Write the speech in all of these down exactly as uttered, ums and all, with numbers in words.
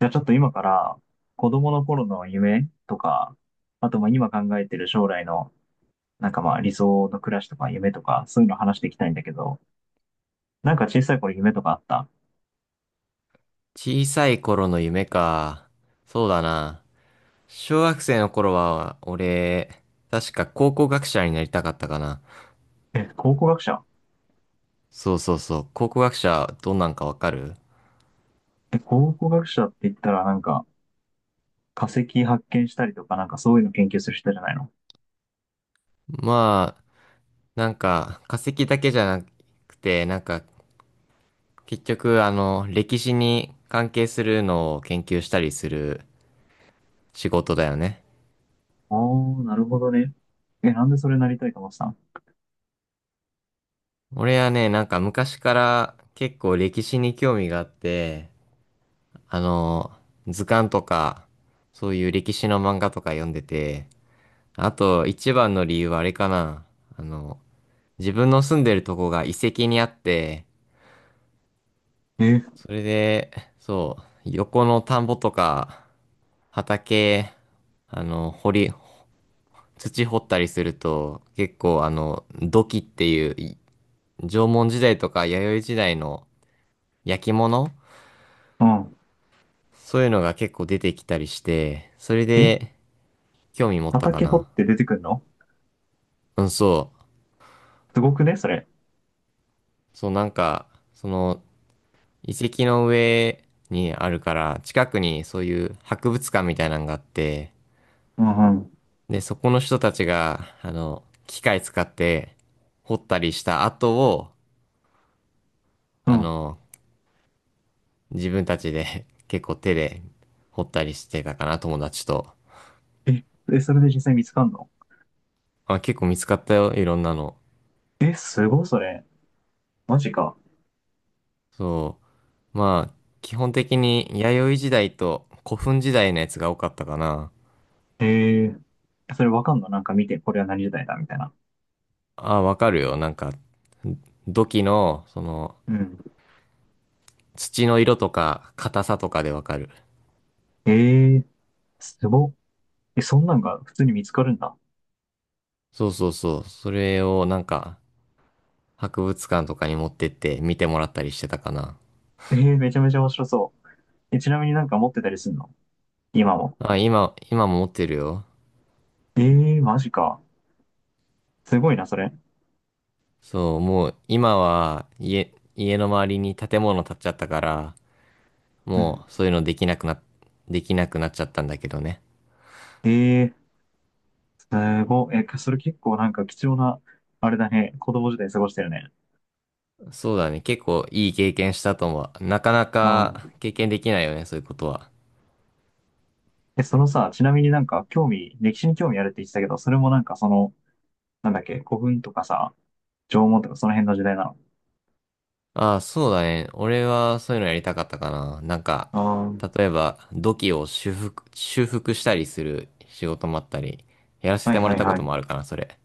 じゃあちょっと今から子供の頃の夢とか、あとまあ今考えてる将来のなんかまあ理想の暮らしとか夢とかそういうの話していきたいんだけど、なんか小さい頃夢とかあった？小さい頃の夢か。そうだな。小学生の頃は、俺、確か考古学者になりたかったかな。え、考古学者？そうそうそう。考古学者、どんなんかわかる？え、考古学者って言ったらなんか化石発見したりとかなんかそういうの研究する人じゃないの？まあ、なんか、化石だけじゃなくて、なんか、結局、あの、歴史に関係するのを研究したりする仕事だよね。ああー、なるほどね。え、なんでそれなりたいと思ってたの？俺はね、なんか昔から結構歴史に興味があって、あの、図鑑とか、そういう歴史の漫画とか読んでて、あと一番の理由はあれかな。あの、自分の住んでるとこが遺跡にあって、え、それで、そう、横の田んぼとか、畑、あの、掘り、土掘ったりすると、結構あの、土器っていう、い縄文時代とか弥生時代の焼き物、うん。そういうのが結構出てきたりして、それえ、で興味持ったか畑掘っな。て出てくんの？うん、そう。すごくね、それ。そう、なんか、その、遺跡の上にあるから、近くにそういう博物館みたいなのがあって、うんうん。で、そこの人たちが、あの、機械使って掘ったりした跡を、うあん。の、自分たちで 結構手で掘ったりしてたかな、友達と。え、え、それで実際見つかんの？あ、結構見つかったよ、いろんなの。え、すごいそれ。マジか。そう。まあ、基本的に弥生時代と古墳時代のやつが多かったかな。へえ。それわかんのなんか見て、これは何時代だみたいな。あ、わかるよ。なんか、土器の、その、うん。土の色とか、硬さとかでわかる。へえ。すごっ。え、そんなんが普通に見つかるんだ。そうそうそう。それをなんか、博物館とかに持ってって見てもらったりしてたかな。えー、めちゃめちゃ面白そう。え、ちなみになんか持ってたりすんの？今も。あ、今、今も持ってるよ。えー、マジか。すごいな、それ。そう、もう今は家、家の周りに建物建っちゃったから、うん。もうそういうのできなくな、できなくなっちゃったんだけどね。えー、すごい。え、それ結構なんか貴重な、あれだね。子供時代過ごしてるね。そうだね。結構いい経験したと思う。なかなうかん。経験できないよね、そういうことは。え、そのさ、ちなみになんか興味、歴史に興味あるって言ってたけど、それもなんかその、なんだっけ、古墳とかさ、縄文とかその辺の時代なの？ああ、そうだね。俺はそういうのやりたかったかな。なんか、ああー、例えば、土器を修復、修復したりする仕事もあったり、やらせはていもはらっいたこはとい。もあるかな、それ。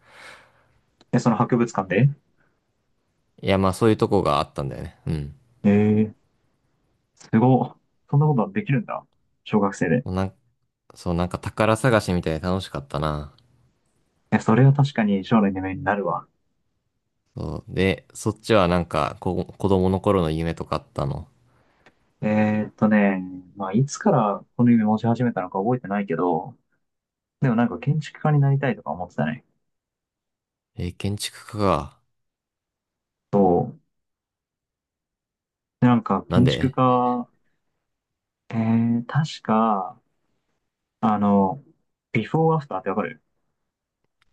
え、その博物館で？いや、まあそういうとこがあったんだよね。うん。ええー、すごっ。そんなことできるんだ。小学生で。なん、そう、なんか宝探しみたいで楽しかったな。え、それは確かに将来の夢になるわ。そう。で、そっちはなんか、こ、子供の頃の夢とかあったの？えーっとね、まあ、いつからこの夢持ち始めたのか覚えてないけど、でもなんか建築家になりたいとか思ってたね。えー建築家か。そう。で、なんかなん建築で？家、えー、確か、あの、ビフォーアフターってわかる？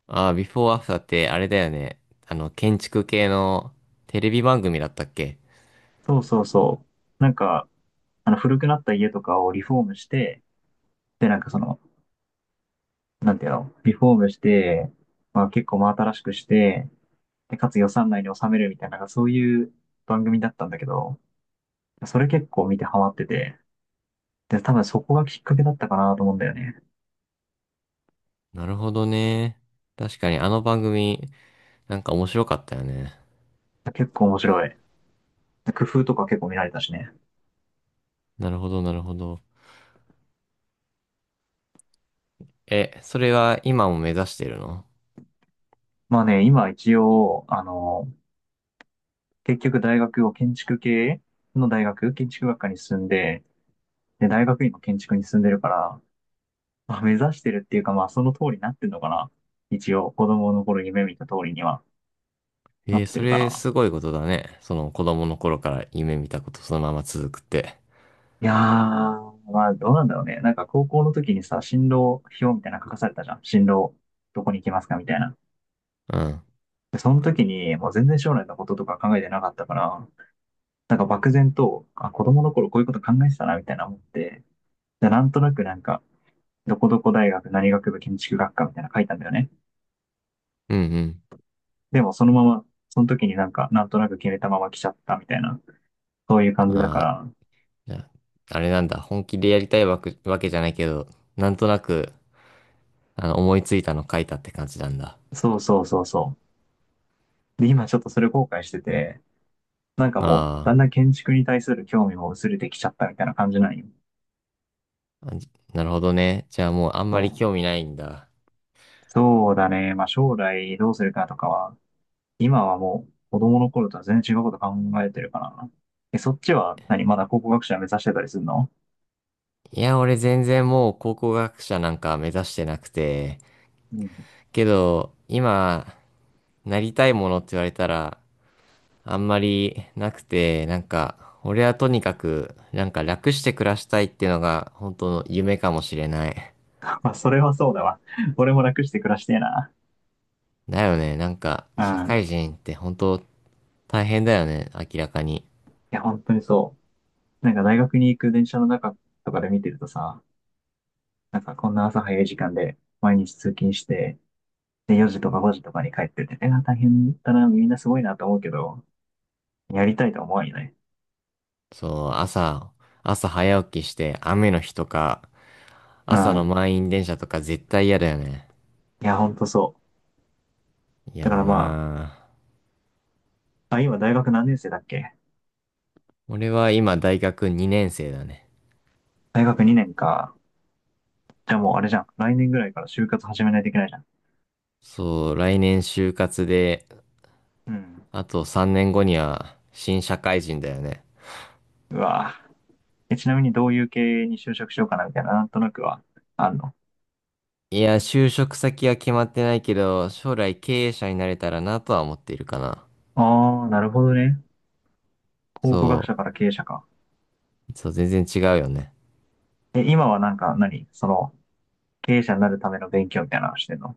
ああー、ビフォーアフターってあれだよね。あの、建築系のテレビ番組だったっけ？そうそうそう。なんか、あの、古くなった家とかをリフォームして、で、なんかその、なんていうの、リフォームして、まあ結構真新しくして、で、かつ予算内に収めるみたいな、なんかそういう番組だったんだけど、それ結構見てハマってて、で、多分そこがきっかけだったかなと思うんだよね。なるほどね。確かにあの番組、なんか面白かったよね。結構面白い。で工夫とか結構見られたしね。なるほど、なるほど。え、それは今も目指してるの？まあね、今一応、あの、結局大学を建築系の大学、建築学科に進んで、で、大学院も建築に進んでるから、まあ、目指してるっていうか、まあその通りになってんのかな。一応、子供の頃夢見た通りにはなえっーてそるかれな。すごいことだね。その子供の頃から夢見たことそのまま続くって。いやー、まあ、どうなんだろうね。なんか高校の時にさ、進路表みたいなの書かされたじゃん。進路、どこに行きますかみたいな。うん。で、その時に、もう全然将来のこととか考えてなかったから、なんか漠然と、あ、子供の頃こういうこと考えてたな、みたいな思って、で、なんとなくなんか、どこどこ大学何学部建築学科みたいなの書いたんだよね。うんうん。でもそのまま、その時になんか、なんとなく決めたまま来ちゃったみたいな、そういう感じだかあー、ら、じゃあ、あれなんだ。本気でやりたいわけ、わけじゃないけど、なんとなく、あの、思いついたの書いたって感じなんだ。そうそうそうそう。で、今ちょっとそれ後悔してて、なんかもう、あだんだん建築に対する興味も薄れてきちゃったみたいな感じなんよ。あ、あじなるほどね。じゃあもうあんそまりう。興味ないんだ。そうだね。まあ将来どうするかとかは、今はもう子供の頃とは全然違うこと考えてるからな。え、そっちは何まだ考古学者目指してたりするの？いや、俺全然もう考古学者なんか目指してなくて、うん。けど、今、なりたいものって言われたら、あんまりなくて、なんか、俺はとにかく、なんか楽して暮らしたいっていうのが、本当の夢かもしれない。まあそれはそうだわ。俺も楽して暮らしてえな。だよね、なんか、う社ん。会い人って本当大変だよね、明らかに。や、本当にそう。なんか大学に行く電車の中とかで見てるとさ、なんかこんな朝早い時間で毎日通勤して、でよじとかごじとかに帰ってて、え、大変だな、みんなすごいなと思うけど、やりたいとは思わなよね。そう、朝、朝早起きして、雨の日とか、う朝のん。満員電車とか絶対嫌だよね。いや、ほんとそう。だ嫌かだらまなぁ。あ、あ、今大学何年生だっけ？俺は今大学にねん生だね。大学にねんか。じゃあもうあれじゃん。来年ぐらいから就活始めないといけないじゃん。そう、来年就活で、うん。あとさんねんごには新社会人だよね。うわぁ。え、ちなみにどういう系に就職しようかなみたいな、なんとなくはあんの。いや、就職先は決まってないけど、将来経営者になれたらなとは思っているかな。ああ、なるほどね。考そ古学者から経営者か。う、そう、全然違うよね。え、今はなんか何その、経営者になるための勉強みたいなのしてんの？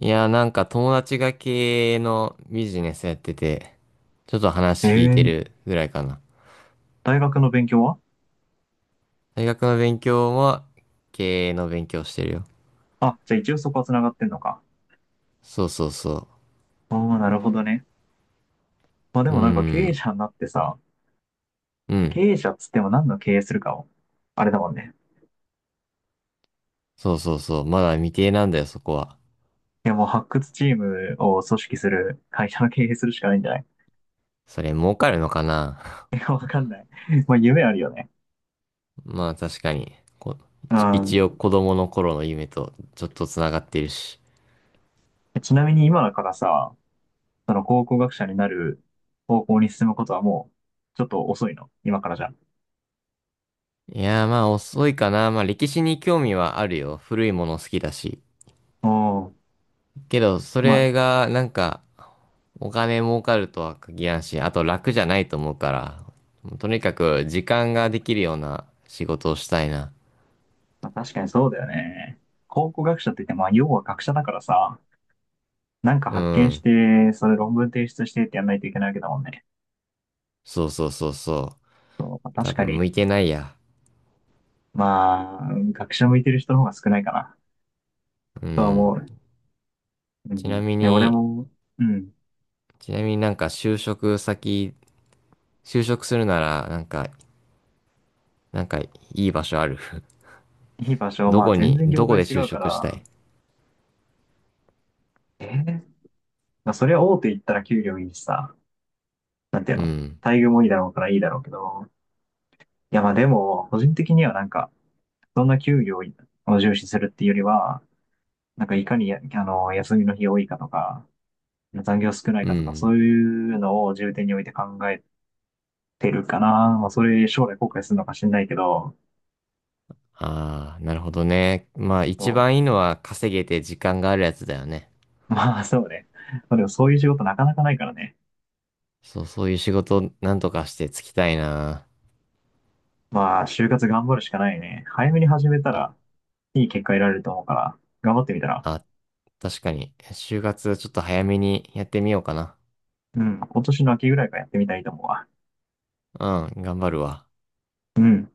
いや、なんか友達が経営のビジネスやってて、ちょっと話聞いてええるぐらいかな。大学の勉強は？大学の勉強も経営の勉強してるよ。あ、じゃあ一応そこは繋がってんのか。そうそうそああ、なるほどね。まあでう。うーもなんか経営ん、者になってさ、う経ん。営者っつっても何の経営するかを、あれだもんね。そうそうそう。まだ未定なんだよ、そこは。いや、もう発掘チームを組織する会社の経営するしかないんじゃない？ それ儲かるのかな？ いやわかんない。まあ、夢あるよね。まあ確かに。こう一一応ん。子供の頃の夢とちょっと繋がってるし。ちなみに今だからさ、その考古学者になる方向に進むことはもう、ちょっと遅いの？今からじゃ。いやーまあ遅いかな。まあ歴史に興味はあるよ。古いもの好きだし。おお。けどそまあ、れがなんかお金儲かるとは限らんし、あと楽じゃないと思うから。とにかく時間ができるような仕事をしたいな。まあ確かにそうだよね。考古学者って言って、まあ、要は学者だからさ、なんかう発見しん。て、それ論文提出してってやんないといけないわけだもんね。そうそうそうそう。そう、まあ多確か分向に。いてないや。まあ、学者向いてる人の方が少ないかな、うとは思ん。う。うちなん。みね、俺に、も、うん。ちなみになんか就職先、就職するなら、なんか、なんかいい場所ある？ いい場 所、どまあこ全に、然業どこ界で違就うか職したら、い？えーまあそりゃ大手行ったら給料いいしさ、なんていううの、ん。待遇もいいだろうからいいだろうけど、いやまあでも、個人的にはなんか、そんな給料を重視するっていうよりは、なんかいかにや、あの、休みの日多いかとか、残業少ないうかとか、ん。そういうのを重点に置いて考えてるかな。まあそれ将来後悔するのかしんないけど、ああ、なるほどね。まあ一そう 番いいのは稼げて時間があるやつだよね。まあ、そうね。まあ、でもそういう仕事なかなかないからね。そう、そういう仕事なんとかしてつきたいな。まあ、就活頑張るしかないね。早めに始めたそう、ら、いい結果得られると思うから、頑張ってみたら。あ、確かに。就活ちょっと早めにやってみようかな。うん、今年の秋ぐらいからやってみたいと思うわ。うん、頑張るわ。うん。